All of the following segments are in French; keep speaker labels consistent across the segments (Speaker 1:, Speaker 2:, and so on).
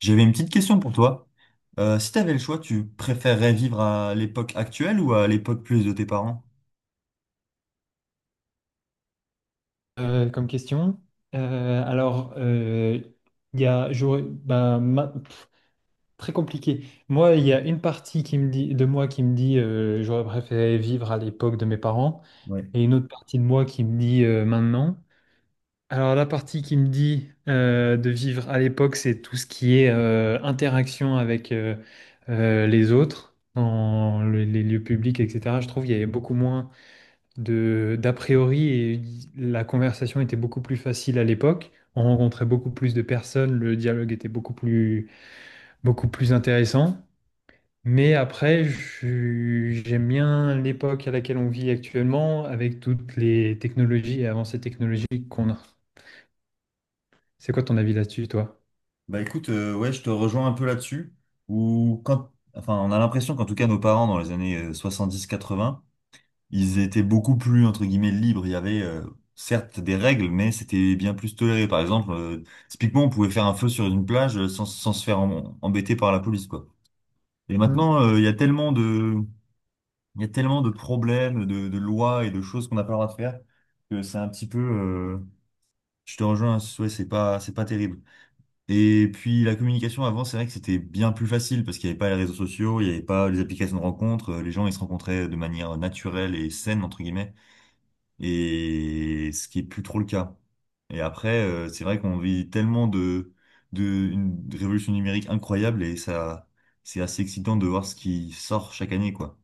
Speaker 1: J'avais une petite question pour toi. Si tu avais le choix, tu préférerais vivre à l'époque actuelle ou à l'époque plus de tes parents?
Speaker 2: Comme question. Alors, il y a, bah, très compliqué. Moi, il y a une partie qui me dit, de moi qui me dit j'aurais préféré vivre à l'époque de mes parents
Speaker 1: Ouais.
Speaker 2: et une autre partie de moi qui me dit maintenant. Alors, la partie qui me dit de vivre à l'époque, c'est tout ce qui est interaction avec les autres dans les lieux publics, etc. Je trouve qu'il y avait beaucoup moins de d'a priori et la conversation était beaucoup plus facile à l'époque. On rencontrait beaucoup plus de personnes, le dialogue était beaucoup plus intéressant. Mais après, j'aime bien l'époque à laquelle on vit actuellement avec toutes les technologies et avancées technologiques qu'on a. C'est quoi ton avis là-dessus, toi?
Speaker 1: Bah écoute, ouais, je te rejoins un peu là-dessus. Ou quand, enfin, on a l'impression qu'en tout cas nos parents dans les années 70, 80, ils étaient beaucoup plus entre guillemets libres. Il y avait certes des règles, mais c'était bien plus toléré. Par exemple, typiquement, on pouvait faire un feu sur une plage sans se faire embêter par la police, quoi. Et
Speaker 2: Hmm.
Speaker 1: maintenant, il y a tellement de Il y a tellement de problèmes, de lois et de choses qu'on n'a pas le droit de faire que c'est un petit peu, je te rejoins, ouais, c'est pas terrible. Et puis la communication avant, c'est vrai que c'était bien plus facile parce qu'il n'y avait pas les réseaux sociaux, il n'y avait pas les applications de rencontres, les gens ils se rencontraient de manière naturelle et saine entre guillemets, et ce qui est plus trop le cas. Et après, c'est vrai qu'on vit tellement de une révolution numérique incroyable et ça, c'est assez excitant de voir ce qui sort chaque année, quoi.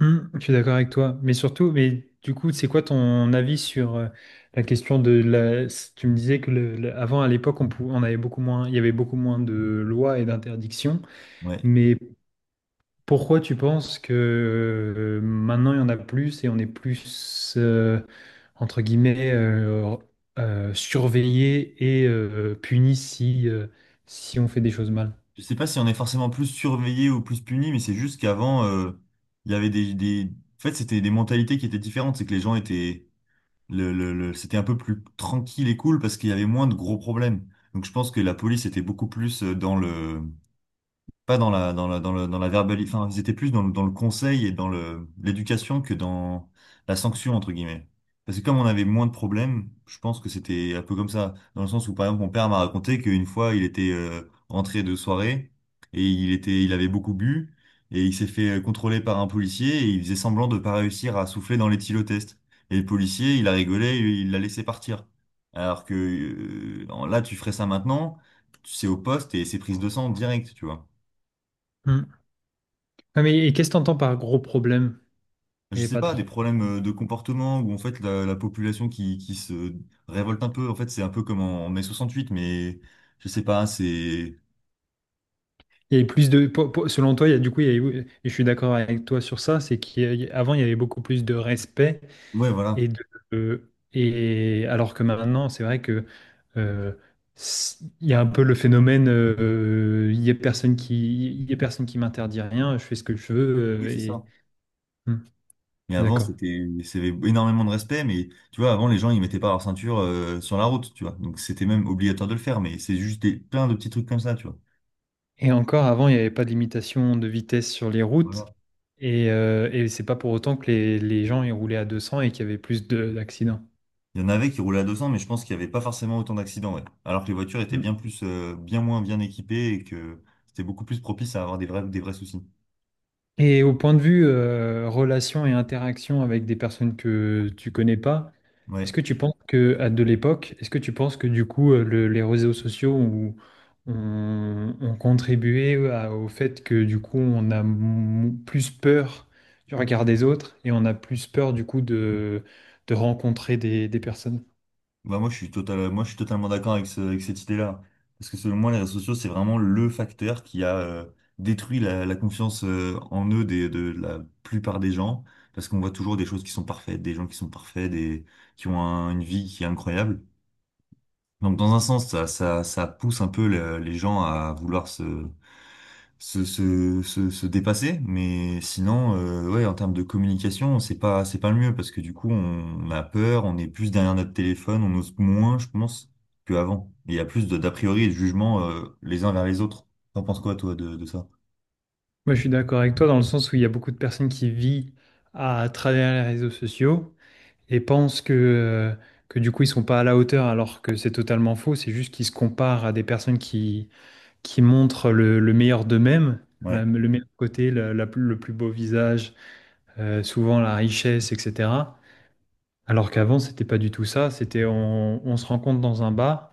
Speaker 2: Hmm, je suis d'accord avec toi, mais surtout, mais du coup, c'est quoi ton avis sur la question de Tu me disais que avant, à l'époque, on avait beaucoup moins, il y avait beaucoup moins de lois et d'interdictions,
Speaker 1: Ouais.
Speaker 2: mais pourquoi tu penses que maintenant il y en a plus et on est plus entre guillemets surveillé et puni si on fait des choses mal?
Speaker 1: Je sais pas si on est forcément plus surveillé ou plus puni, mais c'est juste qu'avant, il y avait En fait, c'était des mentalités qui étaient différentes. C'est que les gens étaient... C'était un peu plus tranquille et cool parce qu'il y avait moins de gros problèmes. Donc je pense que la police était beaucoup plus dans le pas dans la, dans la, dans le, dans la verbali- enfin, ils étaient plus dans le conseil et l'éducation que dans la sanction, entre guillemets. Parce que comme on avait moins de problèmes, je pense que c'était un peu comme ça. Dans le sens où, par exemple, mon père m'a raconté qu'une fois, il était rentré de soirée et il avait beaucoup bu et il s'est fait contrôler par un policier et il faisait semblant de pas réussir à souffler dans l'éthylotest. Et le policier, il a rigolé, il l'a laissé partir. Alors que là, tu ferais ça maintenant, c'est au poste et c'est prise de sang direct, tu vois.
Speaker 2: Hmm. Ouais, mais et qu'est-ce que tu entends par gros problème? Il
Speaker 1: Je
Speaker 2: n'y avait
Speaker 1: sais
Speaker 2: pas de
Speaker 1: pas, des
Speaker 2: gros.
Speaker 1: problèmes de comportement où en fait la population qui se révolte un peu, en fait c'est un peu comme en mai 68, mais je sais pas, c'est...
Speaker 2: Et plus de, selon toi, il y a, du coup, et je suis d'accord avec toi sur ça, c'est qu'avant, il y avait beaucoup plus de respect
Speaker 1: Ouais, voilà.
Speaker 2: et de, et alors que maintenant, c'est vrai que euh, il y a un peu le phénomène, il y a personne qui, il y a personne qui m'interdit rien, je fais ce que je veux
Speaker 1: Oui, c'est
Speaker 2: et.
Speaker 1: ça.
Speaker 2: Hmm, je
Speaker 1: Mais
Speaker 2: suis
Speaker 1: avant,
Speaker 2: d'accord.
Speaker 1: c'était énormément de respect, mais tu vois, avant, les gens, ils mettaient pas leur ceinture sur la route, tu vois. Donc, c'était même obligatoire de le faire, mais c'est juste plein de petits trucs comme ça, tu vois.
Speaker 2: Et encore avant, il n'y avait pas de limitation de vitesse sur les routes
Speaker 1: Voilà.
Speaker 2: et c'est pas pour autant que les gens ils roulaient à 200 et qu'il y avait plus d'accidents.
Speaker 1: Il y en avait qui roulaient à 200, mais je pense qu'il y avait pas forcément autant d'accidents, ouais. Alors que les voitures étaient
Speaker 2: Hmm.
Speaker 1: bien moins bien équipées et que c'était beaucoup plus propice à avoir des vrais soucis.
Speaker 2: Et au point de vue relation et interaction avec des personnes que tu connais pas, est-ce
Speaker 1: Ouais.
Speaker 2: que tu penses que à de l'époque, est-ce que tu penses que du coup les réseaux sociaux ont contribué au fait que du coup on a plus peur du regard des autres et on a plus peur du coup de rencontrer des personnes?
Speaker 1: Bah moi, je suis totalement d'accord avec cette idée-là. Parce que selon moi, les réseaux sociaux, c'est vraiment le facteur qui a détruit la confiance en eux de la plupart des gens. Parce qu'on voit toujours des choses qui sont parfaites, des gens qui sont parfaits, qui ont une vie qui est incroyable. Donc dans un sens, ça pousse un peu les gens à vouloir se dépasser. Mais sinon, ouais, en termes de communication, c'est pas le mieux parce que du coup, on a peur, on est plus derrière notre téléphone, on ose moins, je pense, qu'avant. Et il y a plus d'a priori et de jugement les uns vers les autres. T'en penses quoi, toi, de ça?
Speaker 2: Moi, je suis d'accord avec toi dans le sens où il y a beaucoup de personnes qui vivent à travers les réseaux sociaux. Et pensent que du coup ils sont pas à la hauteur alors que c'est totalement faux, c'est juste qu'ils se comparent à des personnes qui montrent le meilleur d'eux-mêmes,
Speaker 1: Ouais,
Speaker 2: le meilleur côté, le plus beau visage, souvent la richesse, etc. Alors qu'avant c'était pas du tout ça, c'était on se rencontre dans un bar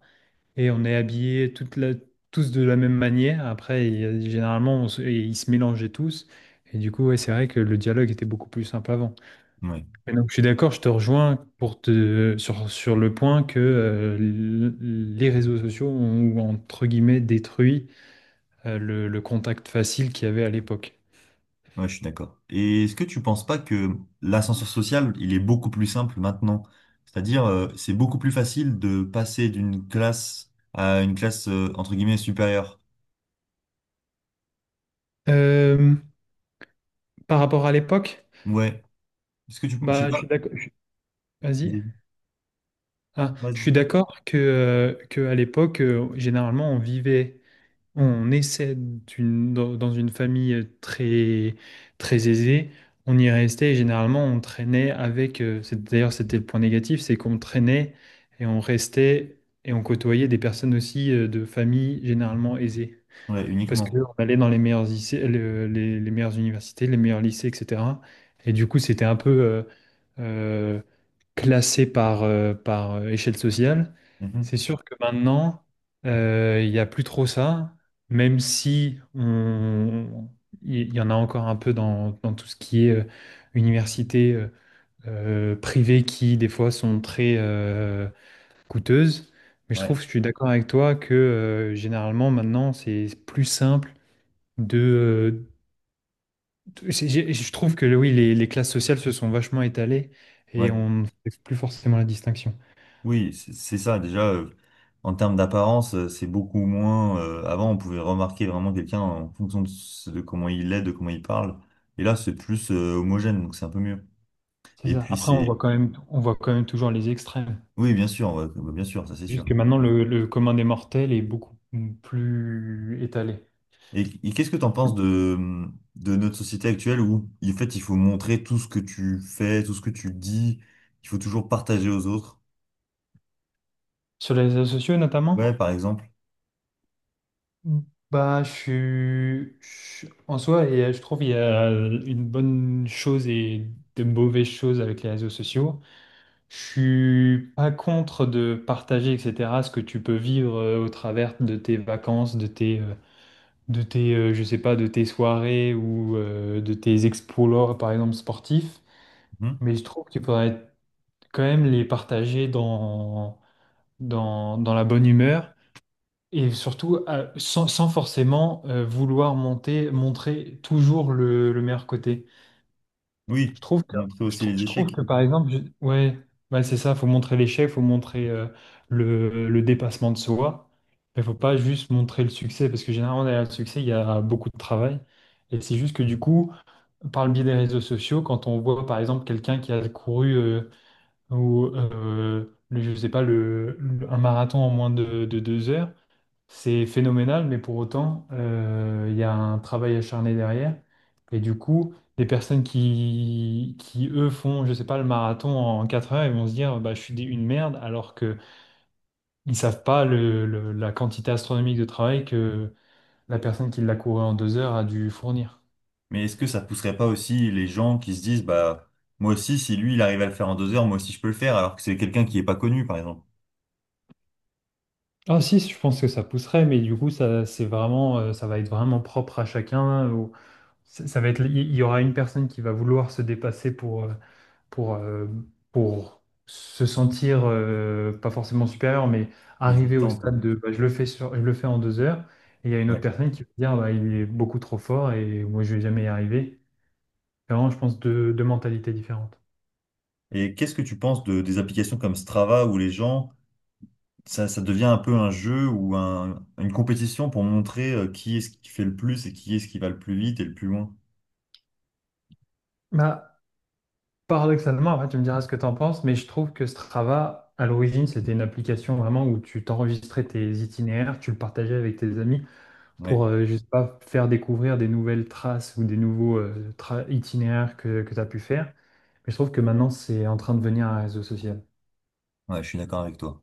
Speaker 2: et on est habillés tous de la même manière, après généralement et ils se mélangeaient tous. Et du coup, ouais, c'est vrai que le dialogue était beaucoup plus simple avant.
Speaker 1: ouais,
Speaker 2: Mais donc, je suis d'accord, je te rejoins pour sur le point que les réseaux sociaux ont, entre guillemets, détruit le contact facile qu'il y avait à l'époque.
Speaker 1: ouais, je suis d'accord. Et est-ce que tu penses pas que l'ascenseur social, il est beaucoup plus simple maintenant? C'est-à-dire, c'est beaucoup plus facile de passer d'une classe à une classe, entre guillemets, supérieure.
Speaker 2: Euh, Par rapport à l'époque,
Speaker 1: Ouais. Je sais
Speaker 2: bah, je
Speaker 1: pas.
Speaker 2: suis d'accord. Vas-y. Ah, je suis
Speaker 1: Vas-y.
Speaker 2: d'accord que à l'époque, généralement, on vivait. Dans une famille très, très aisée. On y restait et généralement on traînait avec. D'ailleurs, c'était le point négatif, c'est qu'on traînait et on restait et on côtoyait des personnes aussi de familles généralement aisées.
Speaker 1: Ouais,
Speaker 2: Parce
Speaker 1: uniquement.
Speaker 2: qu'on allait dans les meilleurs lycées, les meilleures universités, les meilleurs lycées, etc. Et du coup, c'était un peu, euh, classé par, par échelle sociale.
Speaker 1: Mhm.
Speaker 2: C'est sûr que maintenant, il n'y a plus trop ça, même si on- il y en a encore un peu dans tout ce qui est université privée qui, des fois, sont très coûteuses. Mais je
Speaker 1: Ouais,
Speaker 2: trouve, je suis d'accord avec toi que généralement, maintenant, c'est plus simple de euh, Je trouve que oui, les classes sociales se sont vachement étalées et
Speaker 1: ouais.
Speaker 2: on ne fait plus forcément la distinction.
Speaker 1: Oui, c'est ça. Déjà, en termes d'apparence, c'est beaucoup moins. Avant, on pouvait remarquer vraiment quelqu'un en fonction de comment il est, de comment il parle. Et là, c'est plus homogène, donc c'est un peu mieux.
Speaker 2: C'est
Speaker 1: Et
Speaker 2: ça.
Speaker 1: puis,
Speaker 2: Après, on voit
Speaker 1: c'est.
Speaker 2: quand même, on voit quand même toujours les extrêmes.
Speaker 1: Oui, bien sûr, ouais, bah, bien sûr, ça c'est
Speaker 2: Juste
Speaker 1: sûr.
Speaker 2: que maintenant, le commun des mortels est beaucoup plus étalé.
Speaker 1: Et, et qu'est-ce que t'en penses de notre société actuelle où, en fait, il faut montrer tout ce que tu fais, tout ce que tu dis. Il faut toujours partager aux autres.
Speaker 2: Sur les réseaux sociaux, notamment,
Speaker 1: Ouais, par exemple.
Speaker 2: bah, en soi, et je trouve qu'il y a une bonne chose et de mauvaises choses avec les réseaux sociaux. Je suis pas contre de partager, etc., ce que tu peux vivre au travers de tes vacances, de tes, je sais pas, de tes soirées ou de tes exploits, par exemple, sportifs.
Speaker 1: Mhm.
Speaker 2: Mais je trouve qu'il faudrait quand même les partager dans la bonne humeur et surtout sans forcément vouloir montrer toujours le meilleur côté.
Speaker 1: Oui,
Speaker 2: Je trouve que,
Speaker 1: montrer
Speaker 2: je
Speaker 1: aussi
Speaker 2: trou-
Speaker 1: les
Speaker 2: je trouve
Speaker 1: échecs.
Speaker 2: que par exemple, ouais, ouais, c'est ça, faut montrer l'échec, faut montrer le dépassement de soi, mais faut pas juste montrer le succès, parce que généralement, derrière le succès, il y a beaucoup de travail. Et c'est juste que du coup, par le biais des réseaux sociaux, quand on voit par exemple quelqu'un qui a couru, je sais pas, un marathon en moins de 2 heures, c'est phénoménal, mais pour autant, il y a un travail acharné derrière. Et du coup, des personnes qui eux, font, je sais pas, le marathon en 4 heures, ils vont se dire, bah, je suis une merde, alors que ils savent pas la quantité astronomique de travail que la personne qui l'a couru en 2 heures a dû fournir.
Speaker 1: Mais est-ce que ça pousserait pas aussi les gens qui se disent, bah, moi aussi, si lui, il arrive à le faire en 2 heures, moi aussi, je peux le faire, alors que c'est quelqu'un qui est pas connu, par exemple,
Speaker 2: Ah si, je pense que ça pousserait, mais du coup, ça, c'est vraiment, ça va être vraiment propre à chacun. Ça va être, il y aura une personne qui va vouloir se dépasser pour, euh, pour se sentir pas forcément supérieur, mais arriver au
Speaker 1: existant, quoi.
Speaker 2: stade de bah, je le fais je le fais en 2 heures, et il y a une
Speaker 1: Ouais.
Speaker 2: autre personne qui va dire bah, il est beaucoup trop fort et moi je vais jamais y arriver. C'est vraiment, je pense deux mentalités différentes.
Speaker 1: Et qu'est-ce que tu penses des applications comme Strava où les gens, ça devient un peu un jeu ou une compétition pour montrer qui est-ce qui fait le plus et qui est-ce qui va le plus vite et le plus loin?
Speaker 2: Bah, paradoxalement, après, tu me diras ce que tu en penses, mais je trouve que Strava, à l'origine, c'était une application vraiment où tu t'enregistrais tes itinéraires, tu le partageais avec tes amis.
Speaker 1: Ouais,
Speaker 2: Pour, je sais pas, faire découvrir des nouvelles traces ou des nouveaux itinéraires que tu as pu faire. Mais je trouve que maintenant, c'est en train de devenir un réseau social.
Speaker 1: ouais, je suis d'accord avec toi.